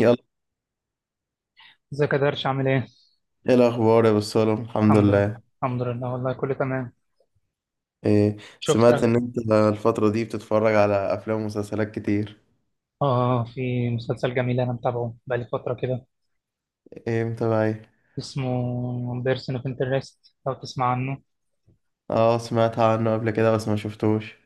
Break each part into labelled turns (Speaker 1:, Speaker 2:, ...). Speaker 1: يلا،
Speaker 2: ازيك يا درش عامل ايه؟
Speaker 1: ايه الاخبار يا بسالم؟ الحمد
Speaker 2: الحمد لله.
Speaker 1: لله.
Speaker 2: الحمد لله والله كله تمام.
Speaker 1: إيه، سمعت
Speaker 2: شفتها.
Speaker 1: ان انت الفتره دي بتتفرج على افلام ومسلسلات كتير؟
Speaker 2: اه، في مسلسل جميل انا متابعه بقالي فترة كده.
Speaker 1: ايه متابع ايه؟
Speaker 2: اسمه بيرسون اوف انترست لو تسمع عنه.
Speaker 1: اه، سمعت عنه قبل كده بس ما شفتوش.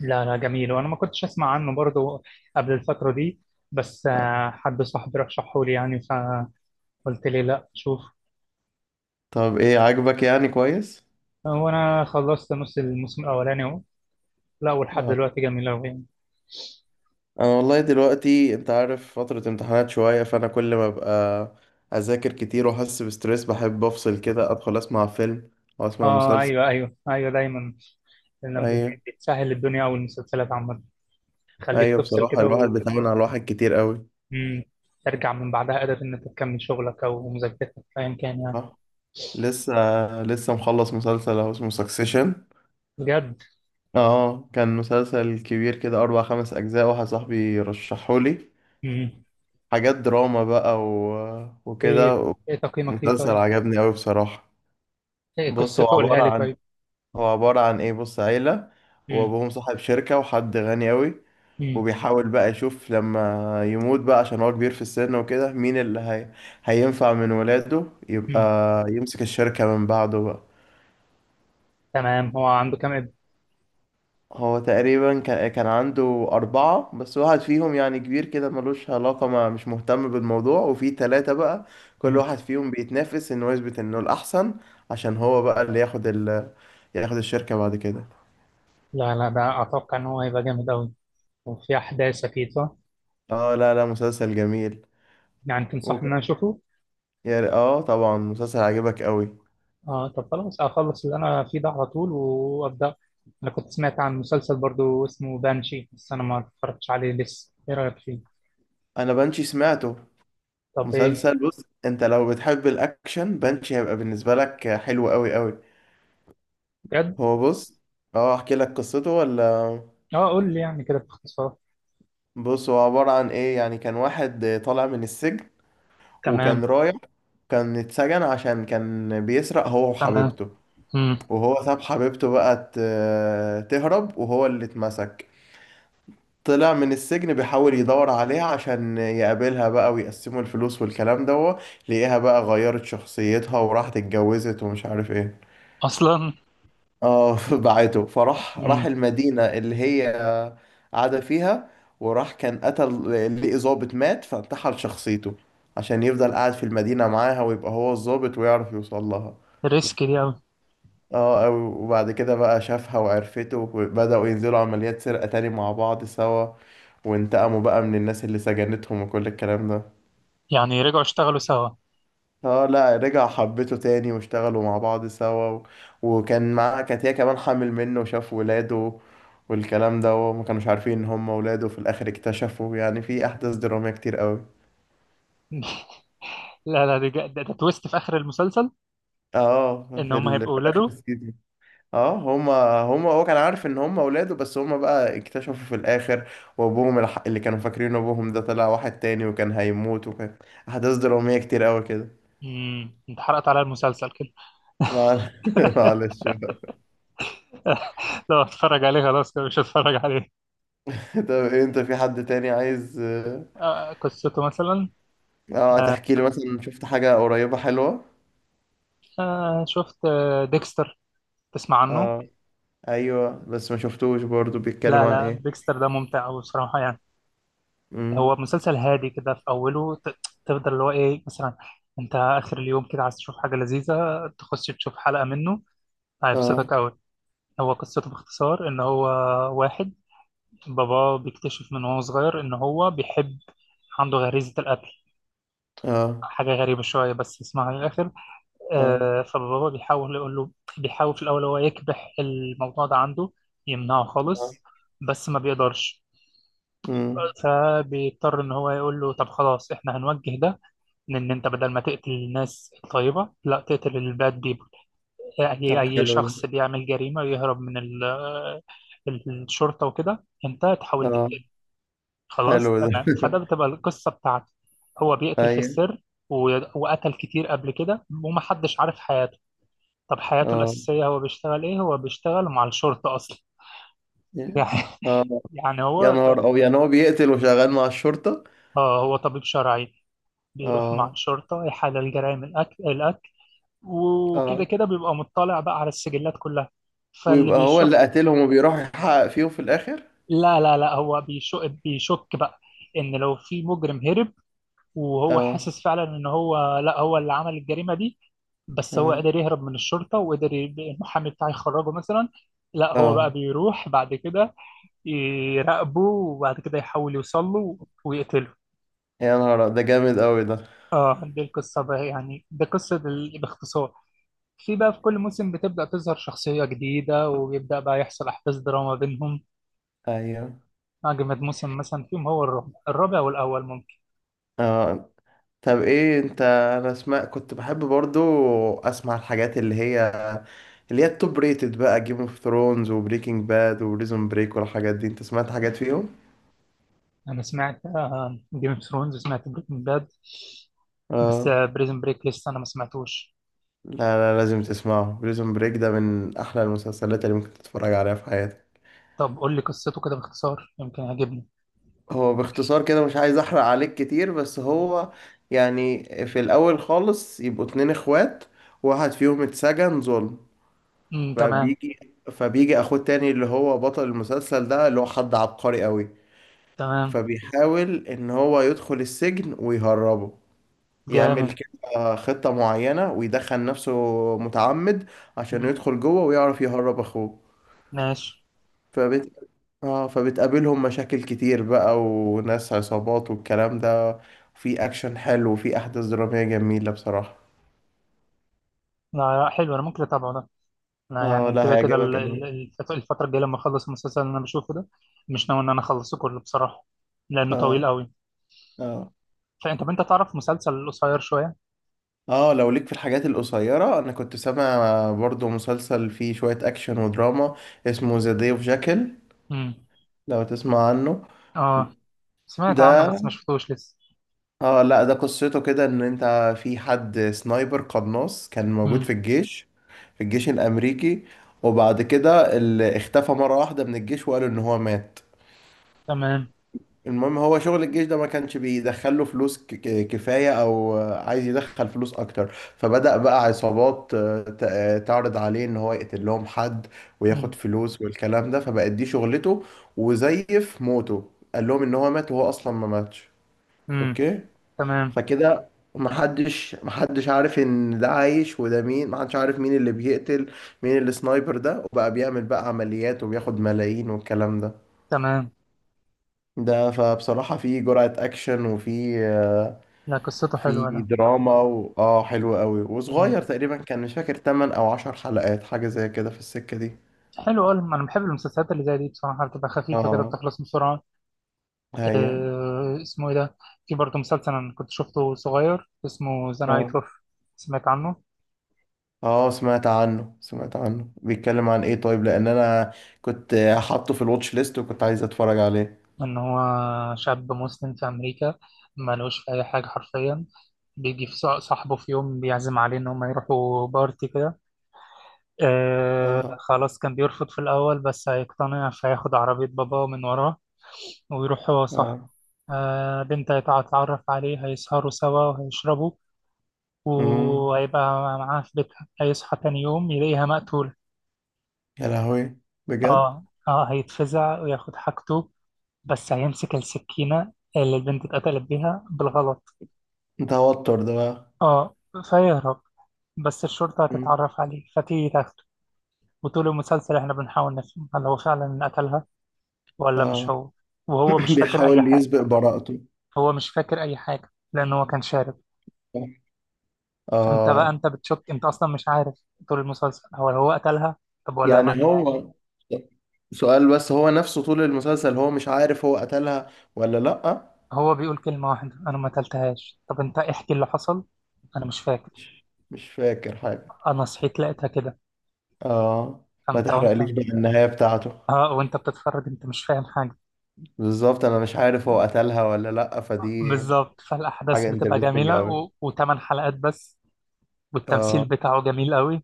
Speaker 2: لا، لا، جميل، وانا ما كنتش اسمع عنه برضو قبل الفترة دي. بس
Speaker 1: آه.
Speaker 2: حد صاحبي رشحه لي، يعني فقلت لي لا شوف.
Speaker 1: طب ايه، عاجبك يعني كويس؟
Speaker 2: وانا خلصت نص الموسم الاولاني اهو. لا، ولحد
Speaker 1: اه.
Speaker 2: دلوقتي جميل اوي يعني.
Speaker 1: انا والله دلوقتي انت عارف فتره امتحانات شويه، فانا كل ما ابقى اذاكر كتير واحس بستريس بحب افصل كده ادخل اسمع فيلم او اسمع
Speaker 2: اه،
Speaker 1: مسلسل.
Speaker 2: ايوه، ايوه، ايوه، دايما لما
Speaker 1: ايوه.
Speaker 2: بتسهل الدنيا، والمسلسلات عامة تخليك
Speaker 1: ايوه،
Speaker 2: تفصل
Speaker 1: بصراحه
Speaker 2: كده
Speaker 1: الواحد
Speaker 2: و...
Speaker 1: بيتعامل على الواحد كتير قوي.
Speaker 2: مم. ترجع من بعدها قادر إن أنت تكمل شغلك أو مذاكرتك أيا كان يعني.
Speaker 1: لسه، لسه مخلص مسلسل اهو اسمه سكسيشن.
Speaker 2: بجد.
Speaker 1: اه، كان مسلسل كبير كده اربع خمس اجزاء، واحد صاحبي رشحهولي.
Speaker 2: مم.
Speaker 1: حاجات دراما بقى و...
Speaker 2: إيه
Speaker 1: وكده.
Speaker 2: إيه تقييمك ليه
Speaker 1: مسلسل
Speaker 2: طيب؟
Speaker 1: عجبني قوي بصراحة.
Speaker 2: إيه
Speaker 1: بص، هو
Speaker 2: قصته قولها
Speaker 1: عبارة
Speaker 2: لي
Speaker 1: عن
Speaker 2: طيب؟
Speaker 1: ايه بص، عيلة.
Speaker 2: مم.
Speaker 1: وابوهم صاحب شركة وحد غني قوي،
Speaker 2: مم.
Speaker 1: وبيحاول بقى يشوف لما يموت بقى عشان هو كبير في السن وكده مين اللي هينفع من ولاده يبقى
Speaker 2: مم.
Speaker 1: يمسك الشركة من بعده بقى.
Speaker 2: تمام، هو عنده كام ابن؟
Speaker 1: هو تقريبا كان عنده أربعة، بس واحد فيهم يعني كبير كده ملوش علاقة ما مش مهتم بالموضوع، وفي تلاتة بقى كل
Speaker 2: مم.
Speaker 1: واحد فيهم بيتنافس إنه يثبت إنه الأحسن، عشان هو بقى اللي ياخد الشركة بعد كده.
Speaker 2: لا، لا، ده أتوقع إن هو هيبقى جامد أوي، وفي أحداث أكيد صح؟
Speaker 1: اه لا لا، مسلسل جميل.
Speaker 2: يعني
Speaker 1: وك...
Speaker 2: تنصحني إن أنا أشوفه؟
Speaker 1: يا ر- اه طبعا، مسلسل عجبك قوي.
Speaker 2: آه، طب خلاص أخلص اللي أنا فيه ده على طول وأبدأ. أنا كنت سمعت عن مسلسل برضو اسمه بانشي، بس أنا ما اتفرجتش عليه لسه، إيه رأيك فيه؟
Speaker 1: أنا بنشي سمعته.
Speaker 2: طب إيه؟
Speaker 1: مسلسل بص، أنت لو بتحب الأكشن، بنشي هيبقى بالنسبة لك حلو قوي قوي.
Speaker 2: بجد؟
Speaker 1: هو بص، اه أحكي لك قصته ولا؟
Speaker 2: آه، قول لي يعني كده باختصار.
Speaker 1: بص، هو عبارة عن ايه يعني، كان واحد طالع من السجن.
Speaker 2: تمام.
Speaker 1: وكان رايح كان اتسجن عشان كان بيسرق هو
Speaker 2: تمام.
Speaker 1: وحبيبته.
Speaker 2: امم.
Speaker 1: وهو ساب حبيبته بقى تهرب، وهو اللي اتمسك. طلع من السجن بيحاول يدور عليها عشان يقابلها بقى ويقسموا الفلوس والكلام ده. لقيها بقى غيرت شخصيتها وراحت اتجوزت ومش عارف ايه.
Speaker 2: اصلا.
Speaker 1: اه، بعته فراح
Speaker 2: امم.
Speaker 1: المدينة اللي هي قاعدة فيها. وراح كان قتل، لقي ظابط مات فانتحل شخصيته عشان يفضل قاعد في المدينة معاها ويبقى هو الظابط ويعرف يوصل لها.
Speaker 2: ريسك دي قوي.
Speaker 1: اه وبعد كده بقى شافها وعرفته، وبدأوا ينزلوا عمليات سرقة تاني مع بعض سوا، وانتقموا بقى من الناس اللي سجنتهم وكل الكلام ده.
Speaker 2: يعني رجعوا اشتغلوا سوا.
Speaker 1: اه لا، رجع حبيته تاني واشتغلوا مع بعض سوا و... وكان معاه، كانت هي كمان حامل منه وشاف ولاده والكلام ده، وما كانوش عارفين ان هم ولاده في الاخر اكتشفوا، يعني في احداث درامية كتير قوي.
Speaker 2: لا، لا، دي جا- ده, ده تويست في اخر المسلسل،
Speaker 1: اه،
Speaker 2: ان هم هيبقوا
Speaker 1: في اخر
Speaker 2: اولاده.
Speaker 1: السيزون. اه. هما هما هو كان عارف ان هما ولاده، بس هما بقى اكتشفوا في الاخر. وابوهم اللي كانوا فاكرين ابوهم ده طلع واحد تاني، وكان هيموت، وكان احداث درامية كتير قوي كده.
Speaker 2: امم، انت حرقت على المسلسل كده.
Speaker 1: مع- معلش بقى.
Speaker 2: لو اتفرج عليه خلاص كده مش هتفرج عليه.
Speaker 1: طب إيه، انت في حد تاني عايز
Speaker 2: آه، قصته مثلا.
Speaker 1: اه
Speaker 2: آه.
Speaker 1: تحكي لي مثلا شفت حاجة قريبة حلوة؟
Speaker 2: آه، شفت ديكستر، تسمع عنه.
Speaker 1: اه، ايوه، بس ما شفتوش برضو، بيتكلم
Speaker 2: لا،
Speaker 1: عن
Speaker 2: لا،
Speaker 1: ايه؟
Speaker 2: ديكستر ده ممتع أوي بصراحة يعني.
Speaker 1: امم.
Speaker 2: هو مسلسل هادي كده في أوله تفضل اللي هو إيه مثلا. أنت آخر اليوم كده عايز تشوف حاجة لذيذة، تخش تشوف حلقة منه،
Speaker 1: اه.
Speaker 2: هيبسطك أوي. هو قصته باختصار إن هو واحد، باباه بيكتشف من وهو صغير إن هو بيحب، عنده غريزة القتل،
Speaker 1: اه.
Speaker 2: حاجة غريبة شوية بس اسمها للآخر.
Speaker 1: اه.
Speaker 2: آه، فباباه بيحاول يقول له، بيحاول في الأول هو يكبح الموضوع ده عنده، يمنعه
Speaker 1: اه.
Speaker 2: خالص، بس ما بيقدرش.
Speaker 1: امم.
Speaker 2: فبيضطر إن هو يقول له طب خلاص، إحنا هنوجه ده، لأن أنت بدل ما تقتل الناس الطيبة، لا تقتل الباد بيبل، أي
Speaker 1: طب
Speaker 2: أي
Speaker 1: حلو
Speaker 2: شخص
Speaker 1: ده.
Speaker 2: بيعمل جريمة ويهرب من الشرطة وكده أنت تحاول
Speaker 1: اه،
Speaker 2: تقتله. خلاص
Speaker 1: حلو ده.
Speaker 2: تمام، فده بتبقى القصة بتاعته. هو بيقتل في
Speaker 1: ايوه.
Speaker 2: السر، وقتل كتير قبل كده، ومحدش عارف حياته. طب حياته
Speaker 1: اه
Speaker 2: الأساسية هو بيشتغل إيه؟ هو بيشتغل مع الشرطة أصلا،
Speaker 1: يا-
Speaker 2: يعني،
Speaker 1: اه
Speaker 2: يعني
Speaker 1: يا
Speaker 2: هو
Speaker 1: نهار او، يعني هو بيقتل وشغال مع الشرطة؟
Speaker 2: آه، هو طبيب شرعي بيروح مع
Speaker 1: اه،
Speaker 2: الشرطة يحلل جرائم الأكل الأكل، وكده
Speaker 1: اه،
Speaker 2: كده بيبقى مطلع بقى على السجلات كلها، فاللي
Speaker 1: ويبقى هو اللي
Speaker 2: بيشك،
Speaker 1: قاتلهم وبيروح يحقق فيهم في الاخر؟
Speaker 2: لا، لا، لا، هو بيشك بيشك بقى ان لو في مجرم هرب، وهو
Speaker 1: اه.
Speaker 2: حاسس فعلا ان هو لا هو اللي عمل الجريمه دي، بس هو
Speaker 1: اه.
Speaker 2: قدر يهرب من الشرطه، وقدر المحامي بتاعه يخرجه مثلا. لا، هو بقى
Speaker 1: اه،
Speaker 2: بيروح بعد كده يراقبه، وبعد كده يحاول يوصل له ويقتله.
Speaker 1: يا نهار ده جامد قوي ده.
Speaker 2: اه، دي القصه بقى، يعني دي قصه باختصار. في بقى في كل موسم بتبدا تظهر شخصيه جديده، ويبدا بقى يحصل احداث دراما بينهم.
Speaker 1: ايوه.
Speaker 2: اجمد موسم مثلا فيهم هو الرابع، الرابع والاول.
Speaker 1: اه، طب ايه انت، انا اسمع كنت بحب برضو اسمع الحاجات اللي هي التوب ريتد بقى، جيم اوف ثرونز وبريكنج باد وريزون بريك والحاجات دي، انت سمعت حاجات فيهم؟
Speaker 2: انا سمعت، جيم اوف ثرونز سمعت، بريكنج باد، بس
Speaker 1: اه
Speaker 2: بريزن بريك لسه انا ما سمعتوش.
Speaker 1: لا لا، لازم تسمعه، بريزون بريك ده من احلى المسلسلات اللي ممكن تتفرج عليها في حياتك.
Speaker 2: طب قول لي قصته كده باختصار يمكن يعجبني.
Speaker 1: هو باختصار كده، مش عايز احرق عليك كتير، بس هو يعني في الاول خالص يبقوا اتنين اخوات، واحد فيهم اتسجن ظلم.
Speaker 2: امم. تمام.
Speaker 1: فبيجي فبيجي اخوه تاني اللي هو بطل المسلسل ده اللي هو حد عبقري قوي.
Speaker 2: تمام.
Speaker 1: فبيحاول ان هو يدخل السجن ويهربه، يعمل
Speaker 2: جامد.
Speaker 1: كده خطة معينة ويدخل نفسه متعمد عشان
Speaker 2: مم.
Speaker 1: يدخل جوه ويعرف يهرب اخوه.
Speaker 2: ماشي.
Speaker 1: فبت... فبتقابلهم مشاكل كتير بقى وناس عصابات والكلام ده، في اكشن حلو وفي احداث درامية جميلة بصراحة.
Speaker 2: لا، لا، حلو، انا ممكن اتابعه ده. انا
Speaker 1: اه
Speaker 2: يعني
Speaker 1: لا،
Speaker 2: كده كده
Speaker 1: هيعجبك أوي.
Speaker 2: الفتره الجايه لما اخلص المسلسل اللي انا بشوفه ده، مش ناوي ان انا اخلصه كله بصراحه، لانه
Speaker 1: اه.
Speaker 2: طويل قوي.
Speaker 1: اه.
Speaker 2: طب انت تعرف مسلسل قصير شويه.
Speaker 1: اه، لو ليك في الحاجات القصيرة، انا كنت سامع برضو مسلسل فيه شوية اكشن ودراما اسمه ذا داي اوف جاكل،
Speaker 2: امم.
Speaker 1: لو تسمع عنه.
Speaker 2: اه، سمعت عنه
Speaker 1: ده،
Speaker 2: بس ما شفتوش لسه.
Speaker 1: اه لا ده قصته كده ان انت، في حد سنايبر قناص كان موجود
Speaker 2: امم.
Speaker 1: في الجيش، في الجيش الامريكي، وبعد كده اللي اختفى مرة واحدة من الجيش، وقالوا ان هو مات.
Speaker 2: تمام.
Speaker 1: المهم، هو شغل الجيش ده ما كانش بيدخله فلوس كفاية، او عايز يدخل فلوس اكتر. فبدأ بقى عصابات تعرض عليه ان هو يقتل لهم حد
Speaker 2: امم.
Speaker 1: وياخد فلوس والكلام ده، فبقت دي شغلته. وزيف موته، قال لهم ان هو مات وهو اصلا ما ماتش.
Speaker 2: امم.
Speaker 1: اوكي.
Speaker 2: تمام.
Speaker 1: فكده محدش عارف ان ده عايش وده مين، محدش عارف مين اللي بيقتل مين اللي سنايبر ده، وبقى بيعمل بقى عمليات وبياخد ملايين والكلام ده.
Speaker 2: تمام.
Speaker 1: فبصراحة في جرعة اكشن وفي
Speaker 2: لا، قصته حلوة
Speaker 1: في
Speaker 2: ده.
Speaker 1: دراما و... اه حلو قوي
Speaker 2: مم.
Speaker 1: وصغير تقريبا، كان مش فاكر 8 او 10 حلقات، حاجة زي كده في السكة دي.
Speaker 2: حلو أوي، أنا بحب المسلسلات اللي زي دي بصراحة، بتبقى خفيفة كده
Speaker 1: اه.
Speaker 2: بتخلص بسرعة.
Speaker 1: هي
Speaker 2: آه، اسمه إيه ده؟ في برضه مسلسل أنا كنت شفته صغير اسمه ذا نايت
Speaker 1: اه،
Speaker 2: أوف، سمعت عنه.
Speaker 1: اه، سمعت عنه بيتكلم عن ايه؟ طيب، لان انا كنت حاطه في الواتش ليست وكنت عايز اتفرج عليه.
Speaker 2: إن هو شاب مسلم في أمريكا، ملوش في أي حاجة حرفيا، بيجي في صاحبه في يوم بيعزم عليه إن هما يروحوا بارتي كده. آه،
Speaker 1: اه.
Speaker 2: خلاص كان بيرفض في الأول بس هيقتنع فياخد عربية باباه من وراه، ويروح هو صاحبه.
Speaker 1: اه.
Speaker 2: آه، بنت هيتعرف عليه، هيسهروا سوا وهيشربوا،
Speaker 1: امم.
Speaker 2: وهيبقى معاها في بيتها، هيصحى تاني يوم يلاقيها مقتولة.
Speaker 1: يا لهوي، بجد؟
Speaker 2: اه، اه، هيتفزع وياخد حاجته، بس هيمسك السكينة اللي البنت اتقتلت بيها بالغلط.
Speaker 1: توتر ده بقى.
Speaker 2: اه، فيهرب، بس الشرطة
Speaker 1: مم.
Speaker 2: هتتعرف عليه فتيجي تاخده، وطول المسلسل احنا بنحاول نفهم هل هو فعلا اللي قتلها ولا مش
Speaker 1: اه،
Speaker 2: هو. وهو مش فاكر أي
Speaker 1: بيحاول
Speaker 2: حاجة،
Speaker 1: يسبق براءته.
Speaker 2: هو مش فاكر أي حاجة لأن هو كان شارب. انت بقى
Speaker 1: اه،
Speaker 2: انت بتشك، انت اصلا مش عارف طول المسلسل هو قتلها طب، ولا ما
Speaker 1: يعني
Speaker 2: قتلهاش.
Speaker 1: هو، سؤال بس هو نفسه طول المسلسل هو مش عارف هو قتلها ولا لأ؟
Speaker 2: هو بيقول كلمة واحدة، انا ما قتلتهاش، طب انت احكي اللي حصل، انا مش فاكر،
Speaker 1: مش فاكر حاجة؟
Speaker 2: انا صحيت لقيتها كده.
Speaker 1: اه، ما
Speaker 2: فانت، وانت،
Speaker 1: تحرقليش بقى النهاية بتاعته.
Speaker 2: اه، وانت بتتفرج انت مش فاهم حاجة.
Speaker 1: بالظبط، انا مش عارف هو قتلها ولا لأ، فدي
Speaker 2: بالظبط، فالاحداث
Speaker 1: حاجة
Speaker 2: بتبقى
Speaker 1: انترستنج
Speaker 2: جميلة،
Speaker 1: قوي.
Speaker 2: و... و8 حلقات بس، والتمثيل
Speaker 1: اه
Speaker 2: بتاعه جميل قوي.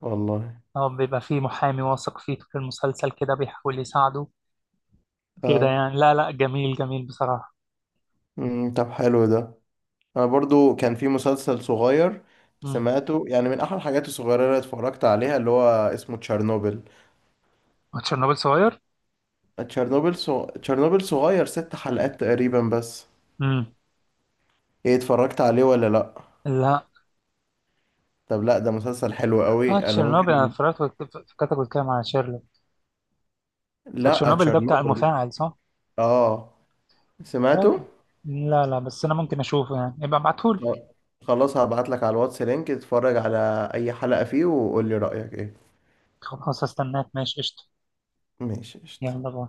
Speaker 1: والله.
Speaker 2: هو بيبقى فيه محامي واثق فيه طول المسلسل كده بيحاول يساعده. كده
Speaker 1: اه.
Speaker 2: يعني، لا، لا، جميل، جميل بصراحة.
Speaker 1: مم. طب حلو ده. انا برضو كان في مسلسل صغير
Speaker 2: امم.
Speaker 1: سمعته، يعني من احد الحاجات الصغيره اللي اتفرجت عليها اللي هو اسمه تشيرنوبل.
Speaker 2: وتشيرنوبل صغير.
Speaker 1: تشيرنوبل صغير، ست حلقات تقريبا بس.
Speaker 2: امم.
Speaker 1: ايه، اتفرجت عليه ولا لا؟
Speaker 2: لا.
Speaker 1: طب لا، ده مسلسل حلو
Speaker 2: اه،
Speaker 1: قوي، انا
Speaker 2: تشيرنوبل انا
Speaker 1: ممكن.
Speaker 2: اتفرجت فكرتك بتتكلم على شيرلوك.
Speaker 1: لا
Speaker 2: تشيرنوبل ده بتاع
Speaker 1: تشيرنوبل.
Speaker 2: المفاعل صح؟
Speaker 1: اه،
Speaker 2: طب
Speaker 1: سمعته.
Speaker 2: لا، لا، بس انا ممكن اشوفه يعني يبقى ابعتهولي.
Speaker 1: خ- خلاص، هبعت لك على الواتس لينك، اتفرج على اي حلقه فيه وقول لي رايك ايه.
Speaker 2: خلاص هستناك، ماشي قشطة.
Speaker 1: ماشي قشطة.
Speaker 2: يلا باي.